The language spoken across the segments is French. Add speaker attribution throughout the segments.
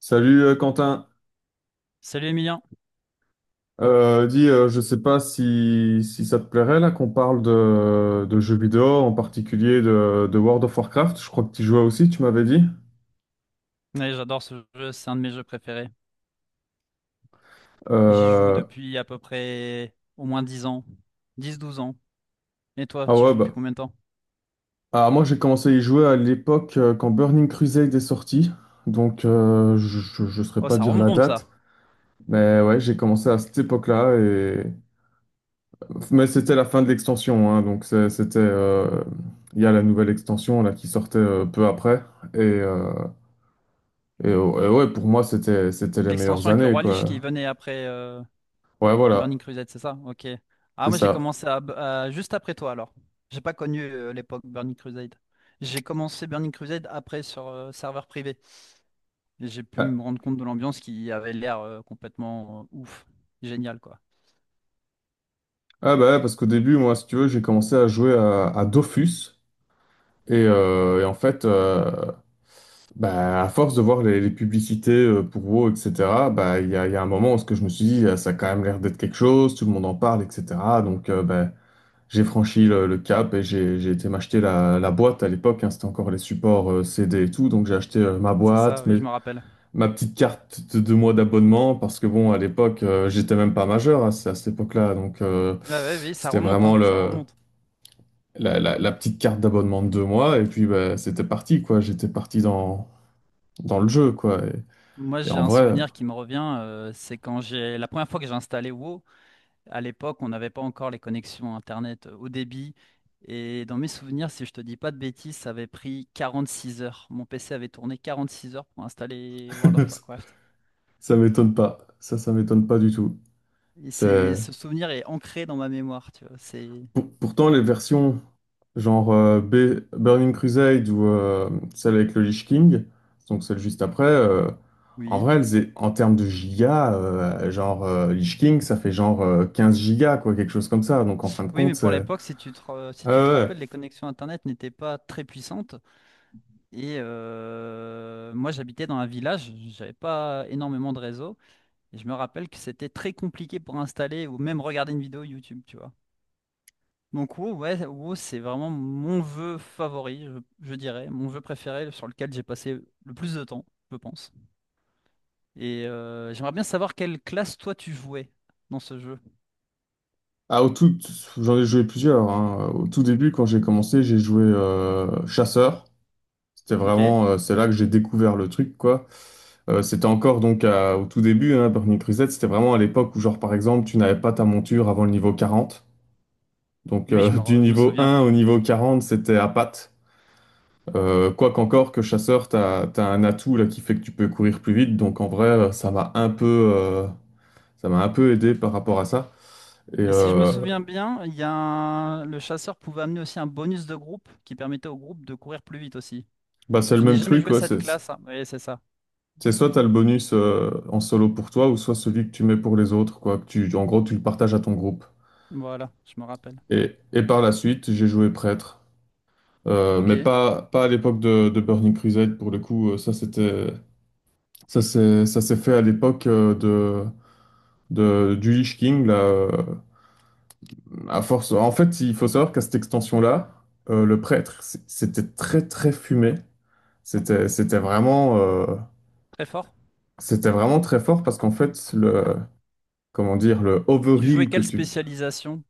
Speaker 1: Salut Quentin.
Speaker 2: Salut Emilien.
Speaker 1: Je sais pas si ça te plairait là qu'on parle de jeux vidéo, en particulier de World of Warcraft. Je crois que tu jouais aussi, tu m'avais dit.
Speaker 2: Ouais, j'adore ce jeu, c'est un de mes jeux préférés. J'y joue
Speaker 1: Euh,
Speaker 2: depuis à peu près au moins 10 ans, 10 12 ans. Et toi,
Speaker 1: ah
Speaker 2: tu y
Speaker 1: ouais,
Speaker 2: joues depuis
Speaker 1: bah,
Speaker 2: combien de temps?
Speaker 1: ah, moi j'ai commencé à y jouer à l'époque quand Burning Crusade est sorti, donc je ne saurais
Speaker 2: Oh,
Speaker 1: pas
Speaker 2: ça
Speaker 1: dire la
Speaker 2: remonte ça.
Speaker 1: date, mais ouais, j'ai commencé à cette époque-là, mais c'était la fin de l'extension, hein, donc c'était... il y a la nouvelle extension là, qui sortait peu après. Et, euh, Et, et ouais, pour moi, c'était les meilleures
Speaker 2: L'extension avec le
Speaker 1: années,
Speaker 2: roi Lich qui
Speaker 1: quoi.
Speaker 2: venait après
Speaker 1: Ouais, voilà,
Speaker 2: Burning Crusade, c'est ça? Ok. Ah,
Speaker 1: c'est
Speaker 2: moi j'ai
Speaker 1: ça.
Speaker 2: commencé juste après toi alors. J'ai pas connu l'époque Burning Crusade. J'ai commencé Burning Crusade après sur serveur privé. Et j'ai pu
Speaker 1: Ah,
Speaker 2: me rendre compte de l'ambiance qui avait l'air complètement ouf, génial quoi.
Speaker 1: ah, bah ouais, parce qu'au début, moi, si tu veux, j'ai commencé à jouer à Dofus. Et, euh, et en fait, euh, Bah, à force de voir les publicités pour WoW, etc. Bah, il y a un moment où ce que je me suis dit, ah, ça a quand même l'air d'être quelque chose, tout le monde en parle, etc. Donc, euh, bah, j'ai franchi le cap et j'ai été m'acheter la boîte à l'époque, hein. C'était encore les supports CD et tout. Donc j'ai acheté ma
Speaker 2: C'est ça,
Speaker 1: boîte,
Speaker 2: oui, je me rappelle.
Speaker 1: ma petite carte de 2 mois d'abonnement parce que bon, à l'époque, j'étais même pas majeur à cette époque-là, donc
Speaker 2: Ah ouais, oui, ça
Speaker 1: c'était
Speaker 2: remonte,
Speaker 1: vraiment
Speaker 2: hein, ça remonte.
Speaker 1: la petite carte d'abonnement de 2 mois et puis bah, c'était parti quoi. J'étais parti dans le jeu quoi.
Speaker 2: Moi,
Speaker 1: Et
Speaker 2: j'ai
Speaker 1: en
Speaker 2: un
Speaker 1: vrai,
Speaker 2: souvenir qui me revient, c'est quand j'ai la première fois que j'ai installé WoW. À l'époque, on n'avait pas encore les connexions Internet haut débit. Et dans mes souvenirs, si je te dis pas de bêtises, ça avait pris 46 heures. Mon PC avait tourné 46 heures pour installer World of Warcraft.
Speaker 1: Ça m'étonne pas. Ça m'étonne pas du tout.
Speaker 2: Et c'est
Speaker 1: C'est
Speaker 2: ce souvenir est ancré dans ma mémoire, tu vois. C'est
Speaker 1: Pour- pourtant, les versions genre Burning Crusade ou celle avec le Lich King, donc celle juste après, en
Speaker 2: oui,
Speaker 1: vrai, elles est- en termes de gigas, Lich King, ça fait genre 15 gigas, quoi, quelque chose comme ça. Donc en fin de
Speaker 2: oui, mais
Speaker 1: compte,
Speaker 2: pour
Speaker 1: c'est.
Speaker 2: l'époque, si
Speaker 1: Ah ouais,
Speaker 2: tu te
Speaker 1: ouais.
Speaker 2: rappelles, les connexions Internet n'étaient pas très puissantes. Et moi, j'habitais dans un village, j'avais pas énormément de réseau. Et je me rappelle que c'était très compliqué pour installer ou même regarder une vidéo YouTube, tu vois. Donc WoW, ouais, WoW, c'est vraiment mon vœu favori, je dirais, mon vœu préféré sur lequel j'ai passé le plus de temps, je pense. Et j'aimerais bien savoir quelle classe toi tu jouais dans ce jeu.
Speaker 1: Ah, au tout, J'en ai joué plusieurs, hein. Au tout début, quand j'ai commencé, j'ai joué Chasseur. C'était
Speaker 2: Ok? Et
Speaker 1: vraiment, c'est là que j'ai découvert le truc, quoi. C'était encore donc au tout début, hein. Burning Crusade, c'était vraiment à l'époque où, genre, par exemple, tu n'avais pas ta monture avant le niveau 40. Donc
Speaker 2: oui,
Speaker 1: du
Speaker 2: je me
Speaker 1: niveau
Speaker 2: souviens.
Speaker 1: un au niveau 40 c'était à patte. Quoi qu'encore que chasseur, t'as un atout là qui fait que tu peux courir plus vite. Donc, en vrai, ça m'a un peu, ça m'a un peu aidé par rapport à ça. Et
Speaker 2: Et si je me
Speaker 1: euh,
Speaker 2: souviens bien, il y a un- le chasseur pouvait amener aussi un bonus de groupe qui permettait au groupe de courir plus vite aussi.
Speaker 1: Bah, c'est le
Speaker 2: Je n'ai
Speaker 1: même
Speaker 2: jamais
Speaker 1: truc,
Speaker 2: joué
Speaker 1: quoi.
Speaker 2: cette
Speaker 1: C'est
Speaker 2: classe, hein. Oui, c'est ça.
Speaker 1: c'est soit t'as le bonus en solo pour toi, ou soit celui que tu mets pour les autres, quoi. Que tu, en gros, tu le partages à ton groupe.
Speaker 2: Voilà, je me rappelle.
Speaker 1: Et par la suite, j'ai joué prêtre. Euh, mais
Speaker 2: Ok,
Speaker 1: pas, pas à l'époque de Burning Crusade, pour le coup. Ça, ça s'est fait à l'époque du Lich King, là, à force. En fait, il faut savoir qu'à cette extension-là, le prêtre, c'était très, très fumé. C'était, c'était vraiment, euh,
Speaker 2: très fort.
Speaker 1: C'était vraiment très fort parce qu'en fait, comment dire, le
Speaker 2: Tu jouais
Speaker 1: overheal que
Speaker 2: quelle
Speaker 1: tu...
Speaker 2: spécialisation?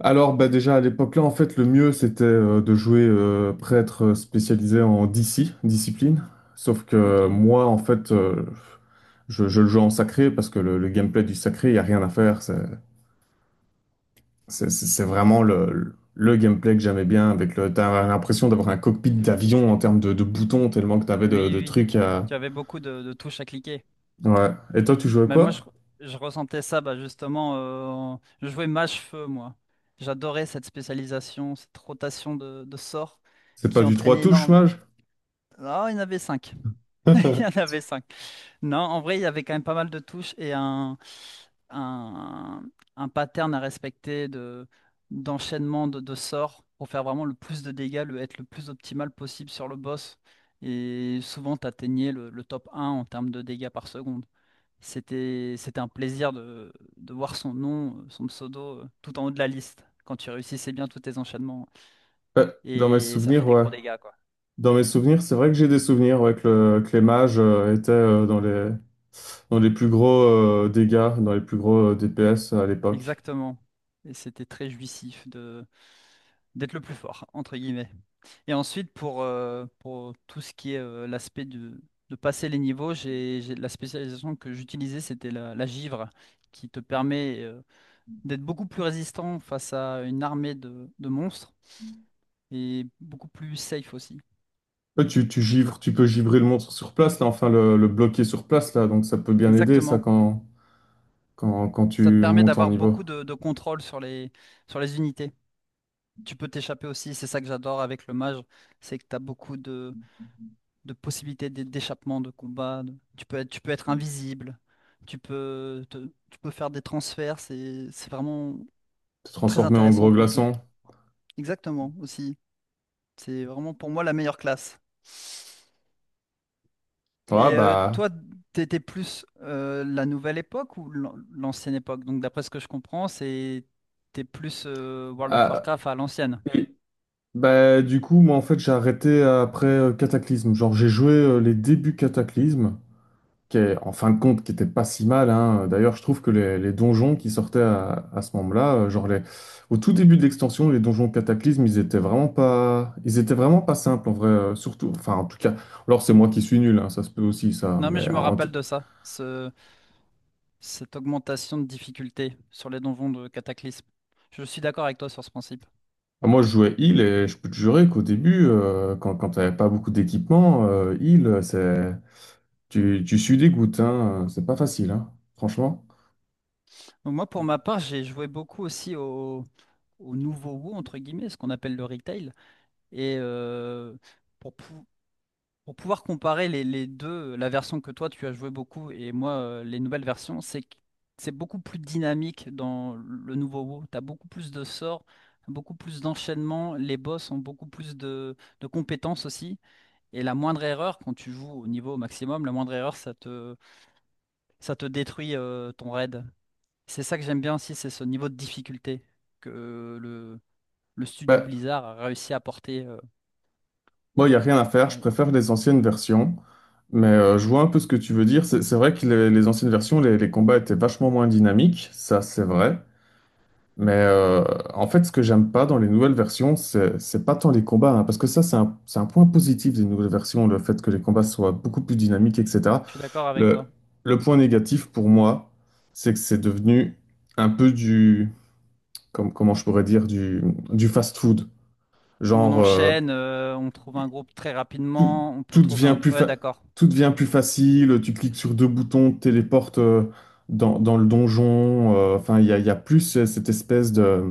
Speaker 1: Alors, bah déjà à l'époque-là, en fait, le mieux c'était de jouer prêtre spécialisé en DC, discipline. Sauf
Speaker 2: Ok.
Speaker 1: que
Speaker 2: Oui,
Speaker 1: moi, en fait, je le joue en sacré parce que le gameplay du sacré, il n'y a rien à faire. C'est vraiment le gameplay que j'aimais bien. Avec le, t'as l'impression d'avoir un cockpit d'avion en termes de boutons, tellement que t'avais
Speaker 2: oui,
Speaker 1: de
Speaker 2: oui.
Speaker 1: trucs à...
Speaker 2: Tu avais beaucoup de touches à cliquer.
Speaker 1: Ouais. Et toi, tu jouais
Speaker 2: Mais
Speaker 1: quoi?
Speaker 2: je ressentais ça, bah, justement. Je jouais mage-feu, moi. J'adorais cette spécialisation, cette rotation de sorts
Speaker 1: C'est pas
Speaker 2: qui
Speaker 1: du trois
Speaker 2: entraînait
Speaker 1: touches,
Speaker 2: énorme.
Speaker 1: mage?
Speaker 2: Ah, il y en avait cinq. Il y en avait cinq. Non, en vrai, il y avait quand même pas mal de touches et un, un pattern à respecter de, d'enchaînement de sorts pour faire vraiment le plus de dégâts, être le plus optimal possible sur le boss. Et souvent, tu atteignais le top un en termes de dégâts par seconde. C'était un plaisir de voir son nom, son pseudo, tout en haut de la liste quand tu réussissais bien tous tes enchaînements.
Speaker 1: Ouais, dans mes
Speaker 2: Et ça fait
Speaker 1: souvenirs,
Speaker 2: des
Speaker 1: ouais.
Speaker 2: gros dégâts, quoi.
Speaker 1: Dans mes souvenirs, c'est vrai que j'ai des souvenirs ouais, que les mages étaient dans les plus gros dégâts, dans les plus gros DPS à l'époque.
Speaker 2: Exactement. Et c'était très jouissif de d'être le plus fort, entre guillemets. Et ensuite, pour tout ce qui est l'aspect de passer les niveaux, la spécialisation que j'utilisais, c'était la givre, qui te permet d'être beaucoup plus résistant face à une armée de monstres et beaucoup plus safe aussi.
Speaker 1: Ouais, tu givres, tu peux givrer le monstre sur place, là, enfin le bloquer sur place, là, donc ça peut bien aider, ça,
Speaker 2: Exactement.
Speaker 1: quand tu
Speaker 2: Ça te permet
Speaker 1: montes en
Speaker 2: d'avoir
Speaker 1: niveau.
Speaker 2: beaucoup de contrôle sur sur les unités. Tu peux t'échapper aussi, c'est ça que j'adore avec le mage, c'est que tu as beaucoup de, d'échappement, de combat. Tu peux être invisible, tu peux, te- tu peux faire des transferts. C'est vraiment
Speaker 1: Te
Speaker 2: très
Speaker 1: transformer en
Speaker 2: intéressant
Speaker 1: gros
Speaker 2: comme classe.
Speaker 1: glaçon.
Speaker 2: Exactement, aussi. C'est vraiment pour moi la meilleure classe.
Speaker 1: Ah,
Speaker 2: Et toi,
Speaker 1: bah,
Speaker 2: t'étais plus la nouvelle époque ou l'ancienne époque? Donc d'après ce que je comprends, c'est t'es plus World of
Speaker 1: ah,
Speaker 2: Warcraft à l'ancienne.
Speaker 1: et- Bah, du coup, moi, en fait, j'ai arrêté après Cataclysme. Genre, j'ai joué les débuts Cataclysme, qui est, en fin de compte, qui était pas si mal, hein. D'ailleurs, je trouve que les donjons qui sortaient à ce moment-là, au tout début de l'extension, les donjons Cataclysme, ils étaient vraiment pas simples en vrai. Surtout, enfin, en tout cas, alors c'est moi qui suis nul, hein, ça se peut aussi ça.
Speaker 2: Non mais je me rappelle de ça, cette augmentation de difficulté sur les donjons de Cataclysme. Je suis d'accord avec toi sur ce principe.
Speaker 1: Moi, je jouais heal et je peux te jurer qu'au début, quand t'avais pas beaucoup d'équipement, tu sues des gouttes, hein, c'est pas facile, hein, franchement.
Speaker 2: Donc moi, pour ma part, j'ai joué beaucoup aussi au nouveau WoW, entre guillemets, ce qu'on appelle le retail. Et pour, pou- pour pouvoir comparer les deux, la version que toi, tu as joué beaucoup et moi, les nouvelles versions, c'est que c'est beaucoup plus dynamique dans le nouveau WoW. Tu as beaucoup plus de sorts, beaucoup plus d'enchaînements, les boss ont beaucoup plus de compétences aussi. Et la moindre erreur, quand tu joues au niveau maximum, la moindre erreur, ça te détruit ton raid. C'est ça que j'aime bien aussi, c'est ce niveau de difficulté que le, le studio
Speaker 1: Bah,
Speaker 2: Blizzard a réussi à porter.
Speaker 1: Bon, il n'y a rien à faire, je
Speaker 2: Ouais,
Speaker 1: préfère les anciennes versions, mais je vois un peu ce que tu veux dire. C'est vrai que les anciennes versions, les combats étaient vachement moins dynamiques, ça c'est vrai, mais en fait ce que j'aime pas dans les nouvelles versions, c'est pas tant les combats, hein, parce que ça c'est c'est un point positif des nouvelles versions, le fait que les combats soient beaucoup plus dynamiques, etc.
Speaker 2: je suis d'accord avec toi.
Speaker 1: Le, le point négatif pour moi, c'est que c'est devenu un peu du, comme, comment je pourrais dire, du fast-food.
Speaker 2: Où on
Speaker 1: Genre... euh,
Speaker 2: enchaîne, on trouve un groupe très
Speaker 1: tout,
Speaker 2: rapidement, on peut
Speaker 1: tout
Speaker 2: trouver
Speaker 1: devient
Speaker 2: un...
Speaker 1: plus
Speaker 2: Ouais,
Speaker 1: fa-
Speaker 2: d'accord.
Speaker 1: Tout devient plus facile, tu cliques sur deux boutons, te téléportes dans le donjon. Enfin, il y a plus cette espèce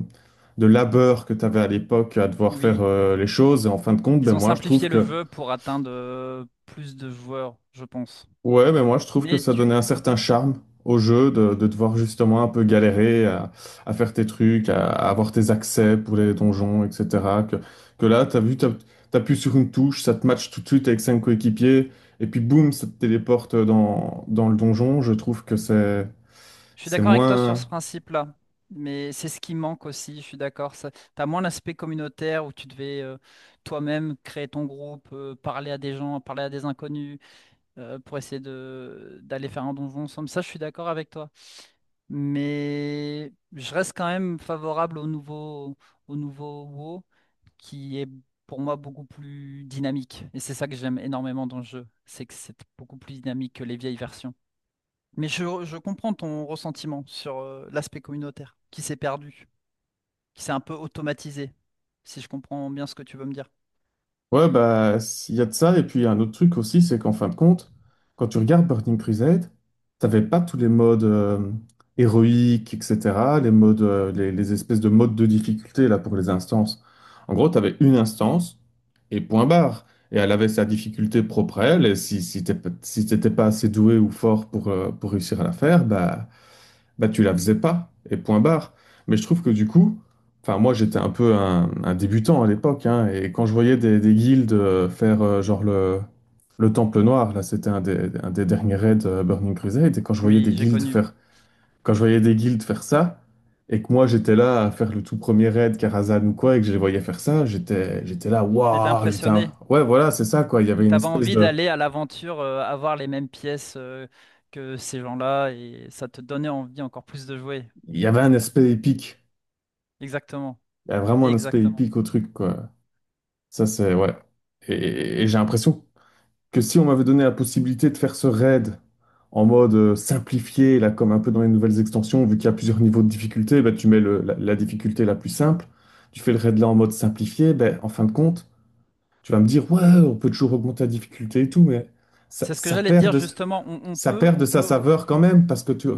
Speaker 1: de labeur que tu avais à l'époque à devoir faire
Speaker 2: Oui,
Speaker 1: les choses. Et en fin de compte, ben
Speaker 2: ils ont
Speaker 1: moi, je trouve
Speaker 2: simplifié le
Speaker 1: que...
Speaker 2: jeu pour atteindre plus de joueurs, je pense.
Speaker 1: Ouais, mais moi je trouve que
Speaker 2: Mais
Speaker 1: ça donnait
Speaker 2: tu...
Speaker 1: un certain charme au jeu de devoir justement un peu galérer à faire tes trucs, à avoir tes accès pour les donjons, etc. Que, que là, t'appuies sur une touche, ça te match tout de suite avec cinq coéquipiers, et puis boum, ça te téléporte dans le donjon. Je trouve que
Speaker 2: je suis
Speaker 1: c'est
Speaker 2: d'accord avec toi sur ce
Speaker 1: moins...
Speaker 2: principe-là. Mais c'est ce qui manque aussi, je suis d'accord. Ça... T'as moins l'aspect communautaire où tu devais toi-même créer ton groupe, parler à des gens, parler à des inconnus, pour essayer de d'aller faire un donjon ensemble. Ça, je suis d'accord avec toi. Mais je reste quand même favorable au nouveau WoW, qui est pour moi beaucoup plus dynamique. Et c'est ça que j'aime énormément dans le jeu, c'est que c'est beaucoup plus dynamique que les vieilles versions. Mais je comprends ton ressentiment sur l'aspect communautaire, qui s'est perdu, qui s'est un peu automatisé, si je comprends bien ce que tu veux me dire.
Speaker 1: Ouais, bah, il y a de ça. Et puis, y a un autre truc aussi, c'est qu'en fin de compte, quand tu regardes Burning Crusade, t'avais pas tous les modes héroïques, etc., les modes, les espèces de modes de difficulté, là, pour les instances. En gros, t'avais une instance et point barre. Et elle avait sa difficulté propre à elle. Et si t'étais pas assez doué ou fort pour réussir à la faire, bah tu la faisais pas, et point barre. Mais je trouve que du coup, enfin moi j'étais un peu un débutant à l'époque, hein, et quand je voyais des guildes le Temple Noir, là c'était un des derniers raids Burning Crusade, et
Speaker 2: Oui, j'ai connu.
Speaker 1: quand je voyais des guildes faire ça, et que moi j'étais là à faire le tout premier raid Karazhan ou quoi, et que je les voyais faire ça, j'étais là,
Speaker 2: T'étais
Speaker 1: waouh,
Speaker 2: impressionné.
Speaker 1: ouais voilà c'est ça quoi, il y
Speaker 2: Et
Speaker 1: avait une
Speaker 2: t'avais
Speaker 1: espèce
Speaker 2: envie
Speaker 1: de,
Speaker 2: d'aller à l'aventure, avoir les mêmes pièces que ces gens-là, et ça te donnait envie encore plus de jouer.
Speaker 1: il y avait un aspect épique,
Speaker 2: Exactement.
Speaker 1: il y a vraiment un aspect
Speaker 2: Exactement.
Speaker 1: épique au truc quoi. Ça, c'est, ouais. Et j'ai l'impression que si on m'avait donné la possibilité de faire ce raid en mode simplifié, là, comme un peu dans les nouvelles extensions, vu qu'il y a plusieurs niveaux de difficulté, bah, tu mets la difficulté la plus simple, tu fais le raid là en mode simplifié, ben en fin de compte, tu vas me dire, ouais, on peut toujours augmenter la difficulté et tout, mais ça,
Speaker 2: C'est ce que
Speaker 1: ça
Speaker 2: j'allais te
Speaker 1: perd
Speaker 2: dire
Speaker 1: de,
Speaker 2: justement.
Speaker 1: ça perd
Speaker 2: On
Speaker 1: de sa
Speaker 2: peut,
Speaker 1: saveur quand même, parce que tu,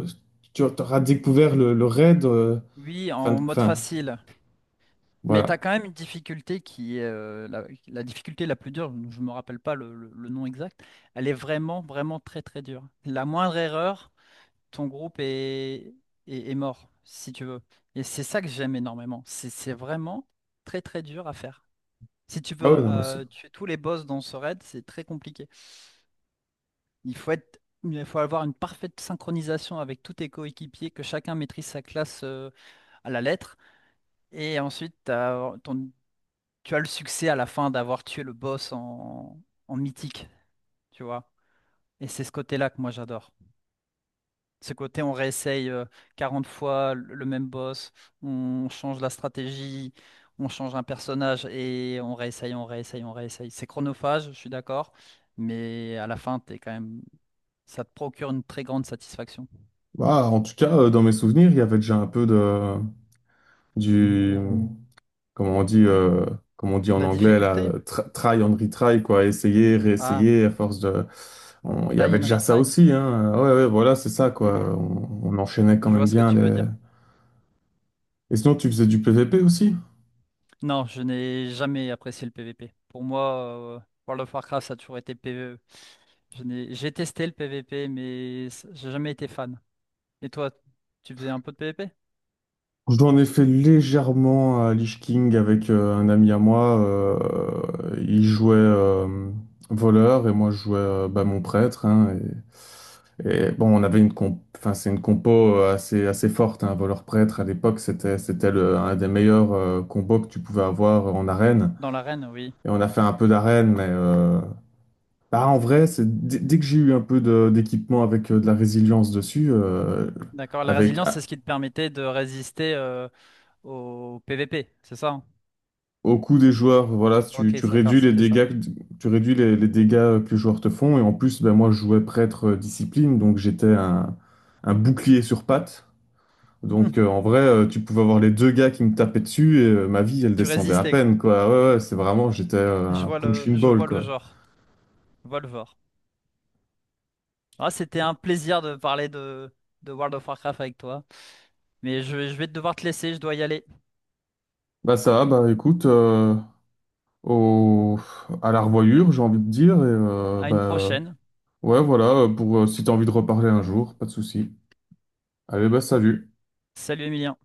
Speaker 1: tu auras découvert le raid,
Speaker 2: oui, en mode
Speaker 1: fin,
Speaker 2: facile. Mais t'as
Speaker 1: voilà.
Speaker 2: quand même une difficulté qui est la, la difficulté la plus dure. Je me rappelle pas le nom exact. Elle est vraiment, vraiment très, très dure. La moindre erreur, ton groupe est, est, est mort, si tu veux. Et c'est ça que j'aime énormément. C'est vraiment très, très dur à faire. Si tu
Speaker 1: Ah ouais,
Speaker 2: veux
Speaker 1: non, mais c'est-
Speaker 2: tuer tous les boss dans ce raid, c'est très compliqué. Il faut être, il faut avoir une parfaite synchronisation avec tous tes coéquipiers, que chacun maîtrise sa classe à la lettre. Et ensuite, tu as le succès à la fin d'avoir tué le boss en, en mythique, tu vois. Et c'est ce côté-là que moi j'adore. Ce côté, on réessaye 40 fois le même boss, on change la stratégie, on change un personnage et on réessaye, on réessaye, on réessaye. C'est chronophage, je suis d'accord, mais à la fin, t'es quand même... ça te procure une très grande satisfaction.
Speaker 1: Bah, en tout cas, dans mes souvenirs, il y avait déjà un peu de... du, Comment on dit, comment on dit en
Speaker 2: La
Speaker 1: anglais, là,
Speaker 2: difficulté?
Speaker 1: try and retry, quoi, essayer,
Speaker 2: Ah,
Speaker 1: réessayer, à force de... Il y
Speaker 2: die
Speaker 1: avait
Speaker 2: and
Speaker 1: déjà ça
Speaker 2: retry?
Speaker 1: aussi, hein. Ouais, ouais, voilà, c'est ça, quoi.
Speaker 2: Mhm.
Speaker 1: On enchaînait quand
Speaker 2: Je vois
Speaker 1: même
Speaker 2: ce que
Speaker 1: bien
Speaker 2: tu veux
Speaker 1: les...
Speaker 2: dire.
Speaker 1: Et sinon, tu faisais du PVP aussi?
Speaker 2: Non, je n'ai jamais apprécié le PVP. Pour moi, euh, World of Warcraft, ça a toujours été PVE. Je n'ai... J'ai testé le PVP, mais j'ai jamais été fan. Et toi, tu faisais un peu de PVP?
Speaker 1: Je dois en effet légèrement à Lich King avec un ami à moi. Il jouait voleur et moi je jouais mon prêtre, hein. Et bon, on avait enfin, c'est une compo assez assez forte. Un voleur prêtre à l'époque c'était un des meilleurs combos que tu pouvais avoir en arène.
Speaker 2: Dans l'arène, oui.
Speaker 1: Et on a fait un peu d'arène, mais en vrai, c'est dès dès que j'ai eu un peu d'équipement avec de la résilience dessus,
Speaker 2: D'accord. La
Speaker 1: avec
Speaker 2: résilience, c'est ce qui te permettait de résister au PVP, c'est ça, hein?
Speaker 1: au coût des joueurs, voilà,
Speaker 2: Ok,
Speaker 1: tu
Speaker 2: d'accord,
Speaker 1: réduis les
Speaker 2: c'était ça.
Speaker 1: dégâts, tu réduis les dégâts que les joueurs te font. Et en plus, ben, moi, je jouais prêtre discipline, donc j'étais un bouclier sur pattes. Donc en vrai, tu pouvais avoir les deux gars qui me tapaient dessus et ma vie, elle
Speaker 2: Tu
Speaker 1: descendait à
Speaker 2: résistais, quoi.
Speaker 1: peine, quoi. Ouais, ouais, c'est vraiment, j'étais un punching
Speaker 2: Je
Speaker 1: ball,
Speaker 2: vois le
Speaker 1: quoi.
Speaker 2: genre. Je vois le genre. Ah, c'était un plaisir de parler de World of Warcraft avec toi. Mais je vais devoir te laisser, je dois y aller.
Speaker 1: Bah ça va, bah écoute, au, à la revoyure, j'ai envie de dire. Et
Speaker 2: À une
Speaker 1: bah
Speaker 2: prochaine.
Speaker 1: ouais, voilà, pour, si t'as envie de reparler un jour, pas de souci. Allez, bah salut.
Speaker 2: Salut Emilien.